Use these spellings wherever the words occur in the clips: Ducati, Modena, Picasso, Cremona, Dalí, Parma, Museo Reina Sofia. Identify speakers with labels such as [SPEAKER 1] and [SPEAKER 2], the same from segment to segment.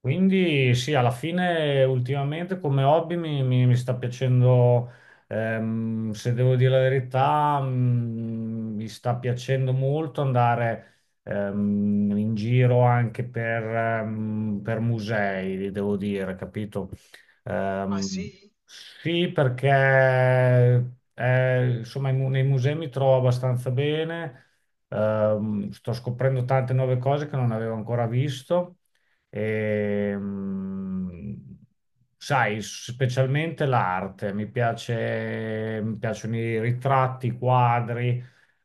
[SPEAKER 1] Quindi sì, alla fine ultimamente come hobby mi sta piacendo, se devo dire la verità, mi sta piacendo molto andare in giro anche per, per musei, devo dire, capito?
[SPEAKER 2] Ah
[SPEAKER 1] Ehm,
[SPEAKER 2] sì?
[SPEAKER 1] sì, perché insomma nei musei mi trovo abbastanza bene. Sto scoprendo tante nuove cose che non avevo ancora visto. Ehm, Sai, specialmente l'arte, mi piace, mi piacciono i ritratti, i quadri,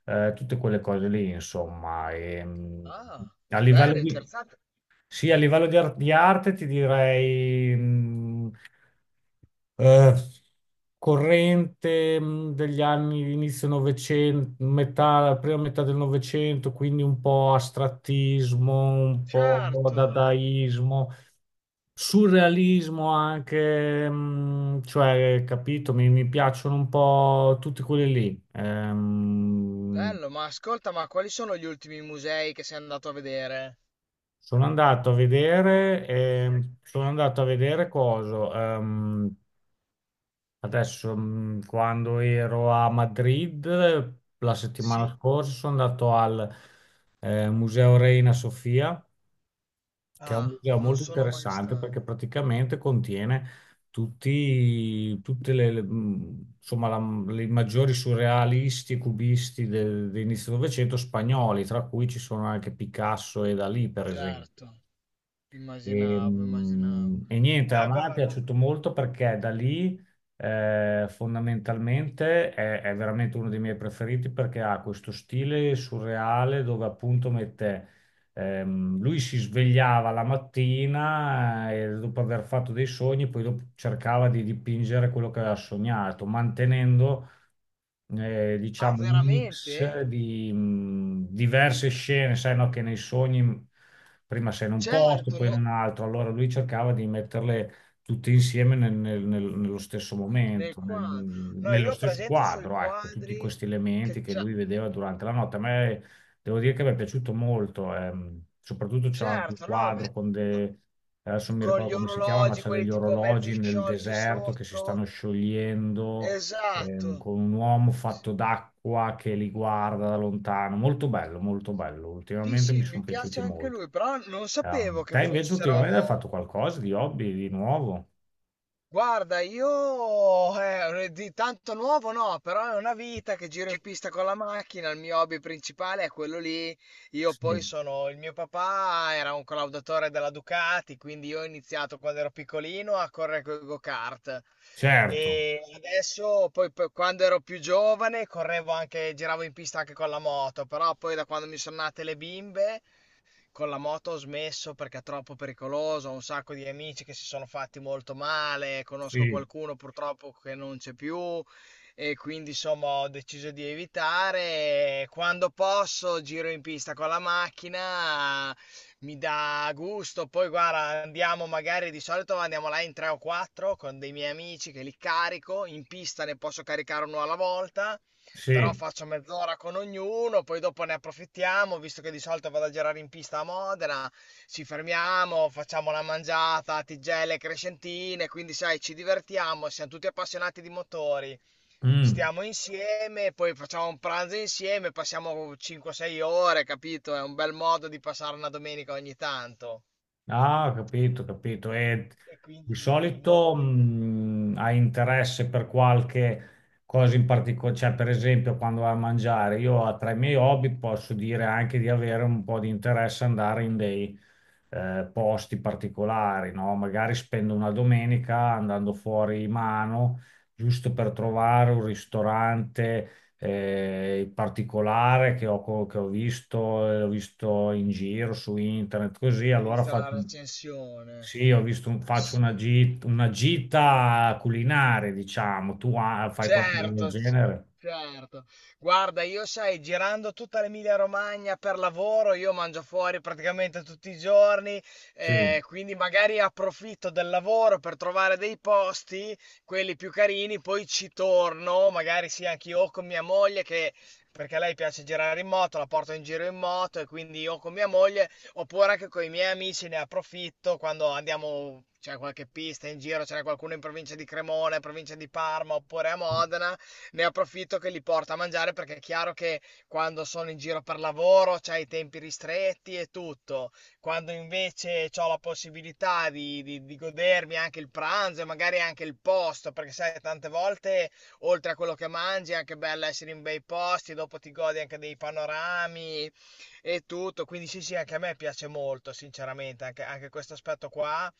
[SPEAKER 1] tutte quelle cose lì, insomma.
[SPEAKER 2] Ah,
[SPEAKER 1] A livello
[SPEAKER 2] bello,
[SPEAKER 1] di,
[SPEAKER 2] interessante.
[SPEAKER 1] sì, a livello di, di arte ti direi... eh, corrente degli anni inizio Novecento, metà, la prima metà del Novecento, quindi un po' astrattismo, un po'
[SPEAKER 2] Certo,
[SPEAKER 1] dadaismo, surrealismo anche, cioè, capito, mi piacciono un po' tutti quelli lì.
[SPEAKER 2] bello, ma ascolta, ma quali sono gli ultimi musei che sei andato a vedere?
[SPEAKER 1] Sono andato a vedere coso. Quando ero a Madrid la settimana
[SPEAKER 2] Sì?
[SPEAKER 1] scorsa, sono andato al Museo Reina Sofia, che è un
[SPEAKER 2] Ah,
[SPEAKER 1] museo
[SPEAKER 2] non
[SPEAKER 1] molto
[SPEAKER 2] sono mai
[SPEAKER 1] interessante
[SPEAKER 2] stato.
[SPEAKER 1] perché praticamente contiene tutte le, insomma, le maggiori surrealisti e cubisti dell'inizio del Novecento spagnoli, tra cui ci sono anche Picasso e Dalì, per
[SPEAKER 2] Certo,
[SPEAKER 1] esempio.
[SPEAKER 2] immaginavo, immaginavo.
[SPEAKER 1] E niente, a
[SPEAKER 2] Ah,
[SPEAKER 1] me è
[SPEAKER 2] guarda.
[SPEAKER 1] piaciuto molto perché da lì fondamentalmente è veramente uno dei miei preferiti perché ha questo stile surreale dove appunto mette, lui si svegliava la mattina e dopo aver fatto dei sogni, poi dopo cercava di dipingere quello che aveva sognato, mantenendo
[SPEAKER 2] Ah,
[SPEAKER 1] diciamo un
[SPEAKER 2] veramente?
[SPEAKER 1] mix di diverse scene, sai, no, che nei sogni prima sei in un posto,
[SPEAKER 2] Certo,
[SPEAKER 1] poi in
[SPEAKER 2] no,
[SPEAKER 1] un altro, allora lui cercava di metterle tutte insieme nello stesso
[SPEAKER 2] nel
[SPEAKER 1] momento,
[SPEAKER 2] quadro. No,
[SPEAKER 1] nello
[SPEAKER 2] io ho
[SPEAKER 1] stesso
[SPEAKER 2] presenti sui
[SPEAKER 1] quadro, ecco, tutti
[SPEAKER 2] quadri
[SPEAKER 1] questi elementi
[SPEAKER 2] che
[SPEAKER 1] che
[SPEAKER 2] c'ha...
[SPEAKER 1] lui vedeva durante la notte. A me devo dire che mi è piaciuto molto, soprattutto c'è anche un
[SPEAKER 2] Certo, no, a me...
[SPEAKER 1] quadro con dei... Adesso non mi
[SPEAKER 2] Con
[SPEAKER 1] ricordo
[SPEAKER 2] gli
[SPEAKER 1] come si chiama, ma
[SPEAKER 2] orologi,
[SPEAKER 1] c'è
[SPEAKER 2] quelli
[SPEAKER 1] degli
[SPEAKER 2] tipo mezzi
[SPEAKER 1] orologi nel
[SPEAKER 2] sciolti
[SPEAKER 1] deserto che si stanno
[SPEAKER 2] sotto.
[SPEAKER 1] sciogliendo,
[SPEAKER 2] Esatto.
[SPEAKER 1] con un uomo fatto d'acqua che li guarda da lontano. Molto bello, molto bello.
[SPEAKER 2] Sì,
[SPEAKER 1] Ultimamente mi
[SPEAKER 2] sì,
[SPEAKER 1] sono
[SPEAKER 2] mi
[SPEAKER 1] piaciuti
[SPEAKER 2] piace anche
[SPEAKER 1] molto.
[SPEAKER 2] lui, però non sapevo che
[SPEAKER 1] Te invece ultimamente hai
[SPEAKER 2] fossero.
[SPEAKER 1] fatto qualcosa di hobby, di nuovo?
[SPEAKER 2] Guarda, io di tanto nuovo no, però è una vita che giro in pista con la macchina, il mio hobby principale è quello lì. Io poi
[SPEAKER 1] Sì,
[SPEAKER 2] sono, il mio papà era un collaudatore della Ducati, quindi io ho iniziato quando ero piccolino a correre con i go-kart.
[SPEAKER 1] certo,
[SPEAKER 2] E adesso, poi, quando ero più giovane, correvo anche, giravo in pista anche con la moto, però poi da quando mi sono nate le bimbe con la moto ho smesso perché è troppo pericoloso, ho un sacco di amici che si sono fatti molto male, conosco
[SPEAKER 1] sì,
[SPEAKER 2] qualcuno purtroppo che non c'è più e quindi insomma ho deciso di evitare. Quando posso giro in pista con la macchina, mi dà gusto. Poi guarda, andiamo magari di solito andiamo là in tre o quattro con dei miei amici che li carico, in pista ne posso caricare uno alla volta
[SPEAKER 1] sì.
[SPEAKER 2] però faccio mezz'ora con ognuno, poi dopo ne approfittiamo, visto che di solito vado a girare in pista a Modena, ci fermiamo, facciamo la mangiata, tigelle, crescentine, quindi sai, ci divertiamo, siamo tutti appassionati di motori,
[SPEAKER 1] Mm.
[SPEAKER 2] stiamo insieme, poi facciamo un pranzo insieme, passiamo 5-6 ore, capito? È un bel modo di passare una domenica ogni tanto.
[SPEAKER 1] Ah, ho capito, ho capito. E
[SPEAKER 2] E
[SPEAKER 1] di
[SPEAKER 2] quindi,
[SPEAKER 1] solito hai interesse per qualche cosa in particolare, cioè per esempio quando vai a mangiare, io tra i miei hobby posso dire anche di avere un po' di interesse ad andare in dei posti particolari, no? Magari spendo una domenica andando fuori mano, giusto per trovare un ristorante in particolare che ho visto in giro su internet, così
[SPEAKER 2] hai
[SPEAKER 1] allora
[SPEAKER 2] visto
[SPEAKER 1] faccio,
[SPEAKER 2] la recensione?
[SPEAKER 1] sì, ho visto faccio una, una gita culinaria, diciamo, tu ah, fai qualcosa del
[SPEAKER 2] Certo, c-
[SPEAKER 1] genere?
[SPEAKER 2] certo. Guarda, io sai, girando tutta l'Emilia Romagna per lavoro, io mangio fuori praticamente tutti i giorni,
[SPEAKER 1] Sì.
[SPEAKER 2] quindi magari approfitto del lavoro per trovare dei posti, quelli più carini, poi ci torno, magari sì, anche io o con mia moglie che... Perché a lei piace girare in moto, la porto in giro in moto e quindi io con mia moglie. Oppure anche con i miei amici ne approfitto quando andiamo, c'è qualche pista in giro, c'è qualcuno in provincia di Cremona, in provincia di Parma oppure a Modena, ne approfitto che li porto a mangiare perché è chiaro che quando sono in giro per lavoro c'hai i tempi ristretti e tutto. Quando invece ho la possibilità di, di godermi anche il pranzo e magari anche il posto, perché sai, tante volte oltre a quello che mangi è anche bello essere in bei posti, dopo ti godi anche dei panorami e tutto. Quindi sì, sì, anche a me piace molto, sinceramente, anche, anche questo aspetto qua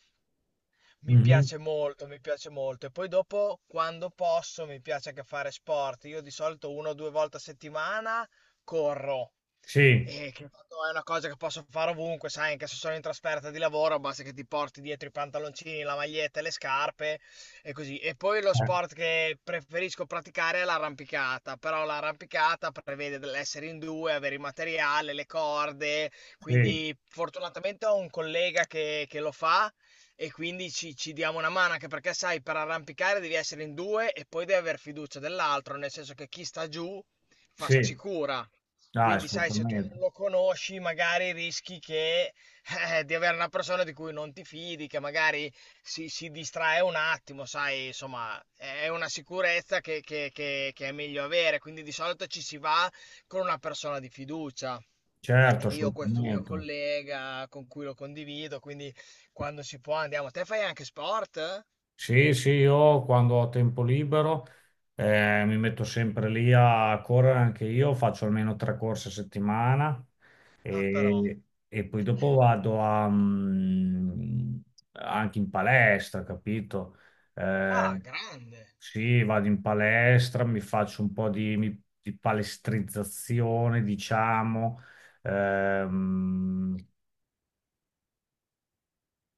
[SPEAKER 2] mi
[SPEAKER 1] Mhm.
[SPEAKER 2] piace molto, mi piace molto. E poi dopo, quando posso, mi piace anche fare sport. Io di solito una o due volte a settimana corro.
[SPEAKER 1] Sì,
[SPEAKER 2] E che tanto è una cosa che posso fare ovunque, sai, anche se sono in trasferta di lavoro, basta che ti porti dietro i pantaloncini, la maglietta e le scarpe e così. E poi lo sport che preferisco praticare è l'arrampicata, però l'arrampicata prevede dell'essere in due, avere il materiale, le corde,
[SPEAKER 1] sì,
[SPEAKER 2] quindi fortunatamente ho un collega che, lo fa e quindi ci diamo una mano, anche perché sai, per arrampicare devi essere in due e poi devi aver fiducia dell'altro, nel senso che chi sta giù fa
[SPEAKER 1] sì.
[SPEAKER 2] sicura.
[SPEAKER 1] Ah,
[SPEAKER 2] Quindi, sai, se tu
[SPEAKER 1] assolutamente,
[SPEAKER 2] non lo conosci, magari rischi che, di avere una persona di cui non ti fidi, che magari si distrae un attimo, sai, insomma, è una sicurezza che, che è meglio avere. Quindi di solito ci si va con una persona di fiducia. E
[SPEAKER 1] certo,
[SPEAKER 2] io ho questo mio
[SPEAKER 1] assolutamente.
[SPEAKER 2] collega con cui lo condivido, quindi quando si può andiamo. Te fai anche sport?
[SPEAKER 1] Sì, sì, io quando ho tempo libero mi metto sempre lì a correre anche io, faccio almeno tre corse a settimana
[SPEAKER 2] Ah, però.
[SPEAKER 1] e, e poi dopo vado a, anche in palestra, capito? Eh,
[SPEAKER 2] Ah, grande.
[SPEAKER 1] sì, vado in palestra, mi faccio un po' di palestrizzazione, diciamo, ehm,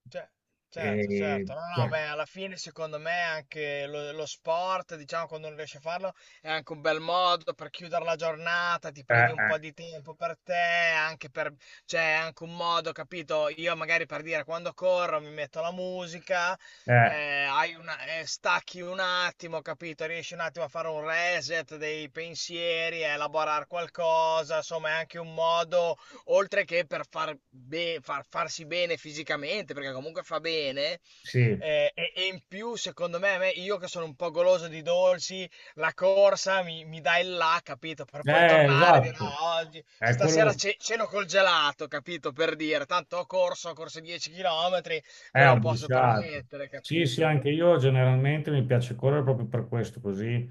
[SPEAKER 2] Ce- Certo, certo, no, no,
[SPEAKER 1] cioè,
[SPEAKER 2] beh, alla fine secondo me anche lo sport, diciamo, quando non riesci a farlo, è anche un bel modo per chiudere la giornata, ti
[SPEAKER 1] eh,
[SPEAKER 2] prendi un
[SPEAKER 1] eh,
[SPEAKER 2] po' di tempo per te, anche per, cioè, è anche un modo, capito? Io magari per dire, quando corro mi metto la musica,
[SPEAKER 1] eh,
[SPEAKER 2] stacchi un attimo, capito? Riesci un attimo a fare un reset dei pensieri, a elaborare qualcosa, insomma, è anche un modo oltre che per farsi bene fisicamente, perché comunque fa bene.
[SPEAKER 1] sì.
[SPEAKER 2] E in più, secondo me, io che sono un po' goloso di dolci, la corsa mi dà il là, capito? Per poi tornare e dire,
[SPEAKER 1] Esatto,
[SPEAKER 2] "Ah, oggi,
[SPEAKER 1] è
[SPEAKER 2] stasera
[SPEAKER 1] quello,
[SPEAKER 2] ceno col gelato, capito? Per dire, tanto ho corso 10 km,
[SPEAKER 1] è
[SPEAKER 2] me lo posso
[SPEAKER 1] abbruciato.
[SPEAKER 2] permettere,
[SPEAKER 1] Sì, sì,
[SPEAKER 2] capito?
[SPEAKER 1] anche io generalmente mi piace correre proprio per questo, così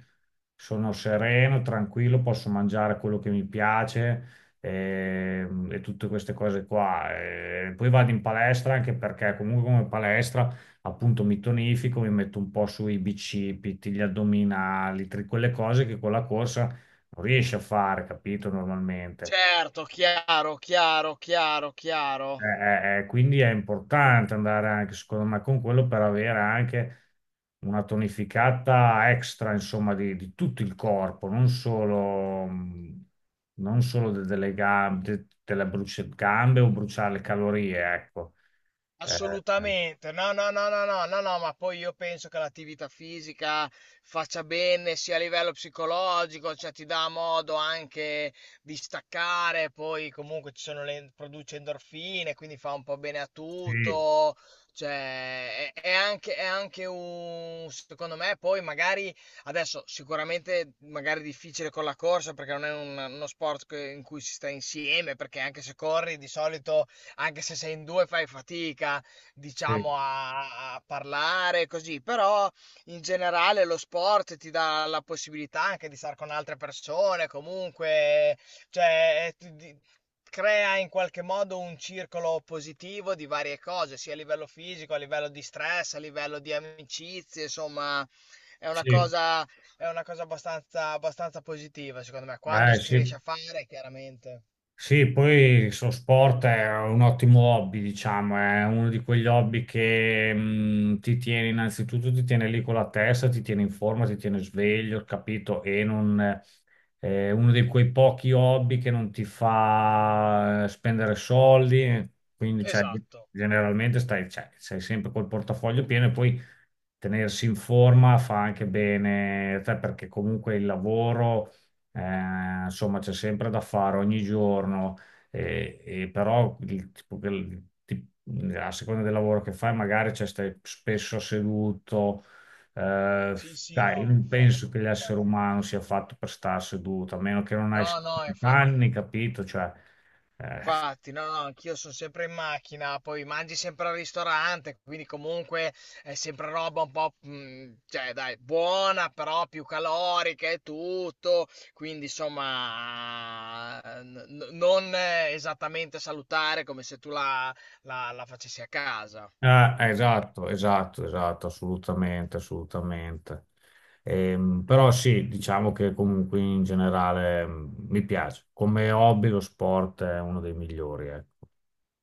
[SPEAKER 1] sono sereno, tranquillo, posso mangiare quello che mi piace e, tutte queste cose qua. E poi vado in palestra anche perché comunque come palestra appunto mi tonifico, mi metto un po' sui bicipiti, gli addominali, quelle cose che con la corsa non riesci a fare, capito, normalmente.
[SPEAKER 2] Certo, chiaro, chiaro, chiaro,
[SPEAKER 1] Eh,
[SPEAKER 2] chiaro.
[SPEAKER 1] quindi è importante andare anche, secondo me, con quello per avere anche una tonificata extra, insomma, di tutto il corpo, non solo, non solo delle gambe, gambe o bruciare le calorie, ecco. Eh, eh,
[SPEAKER 2] Assolutamente, no, no, no, no, no, no, no, ma poi io penso che l'attività fisica faccia bene sia a livello psicologico, cioè ti dà modo anche di staccare, poi comunque ci sono le, produce endorfine, quindi fa un po' bene a
[SPEAKER 1] sì,
[SPEAKER 2] tutto, cioè è anche un, secondo me, poi magari adesso sicuramente magari difficile con la corsa perché non è uno sport in cui si sta insieme, perché anche se corri di solito anche se sei in due fai fatica,
[SPEAKER 1] sì,
[SPEAKER 2] diciamo, a parlare così, però in generale lo sport ti dà la possibilità anche di stare con altre persone, comunque, cioè, crea in qualche modo un circolo positivo di varie cose, sia a livello fisico, a livello di stress, a livello di amicizie, insomma, è una
[SPEAKER 1] sì,
[SPEAKER 2] cosa, è una cosa abbastanza, abbastanza positiva, secondo me, quando si riesce
[SPEAKER 1] sì.
[SPEAKER 2] a fare, chiaramente.
[SPEAKER 1] Sì, poi il suo sport è un ottimo hobby, diciamo, è uno di quegli hobby che ti tiene innanzitutto, ti tiene lì con la testa, ti tiene in forma, ti tiene sveglio, capito? E non, è uno di quei pochi hobby che non ti fa spendere soldi, quindi cioè,
[SPEAKER 2] Esatto.
[SPEAKER 1] generalmente stai, cioè, sei sempre col portafoglio pieno e poi tenersi in forma fa anche bene a te perché comunque il lavoro insomma, c'è sempre da fare ogni giorno, e però il tipo che- il ti- a seconda del lavoro che fai, magari cioè, stai spesso seduto. Eh,
[SPEAKER 2] Sì, sì,
[SPEAKER 1] Dai, io
[SPEAKER 2] no,
[SPEAKER 1] non
[SPEAKER 2] infatti,
[SPEAKER 1] penso che l'essere
[SPEAKER 2] infatti.
[SPEAKER 1] umano sia fatto per stare seduto, a meno che non hai
[SPEAKER 2] No, no,
[SPEAKER 1] 70
[SPEAKER 2] infatti,
[SPEAKER 1] anni, capito? Cioè, eh,
[SPEAKER 2] infatti, no, no, anch'io sono sempre in macchina, poi mangi sempre al ristorante, quindi comunque è sempre roba un po', mm, cioè dai, buona, però più calorica e tutto, quindi insomma, non esattamente salutare come se tu la, la facessi a casa.
[SPEAKER 1] ah, esatto, esatto, esatto, assolutamente, assolutamente. Però sì, diciamo che comunque in generale mi piace. Come hobby lo sport è uno dei migliori, ecco.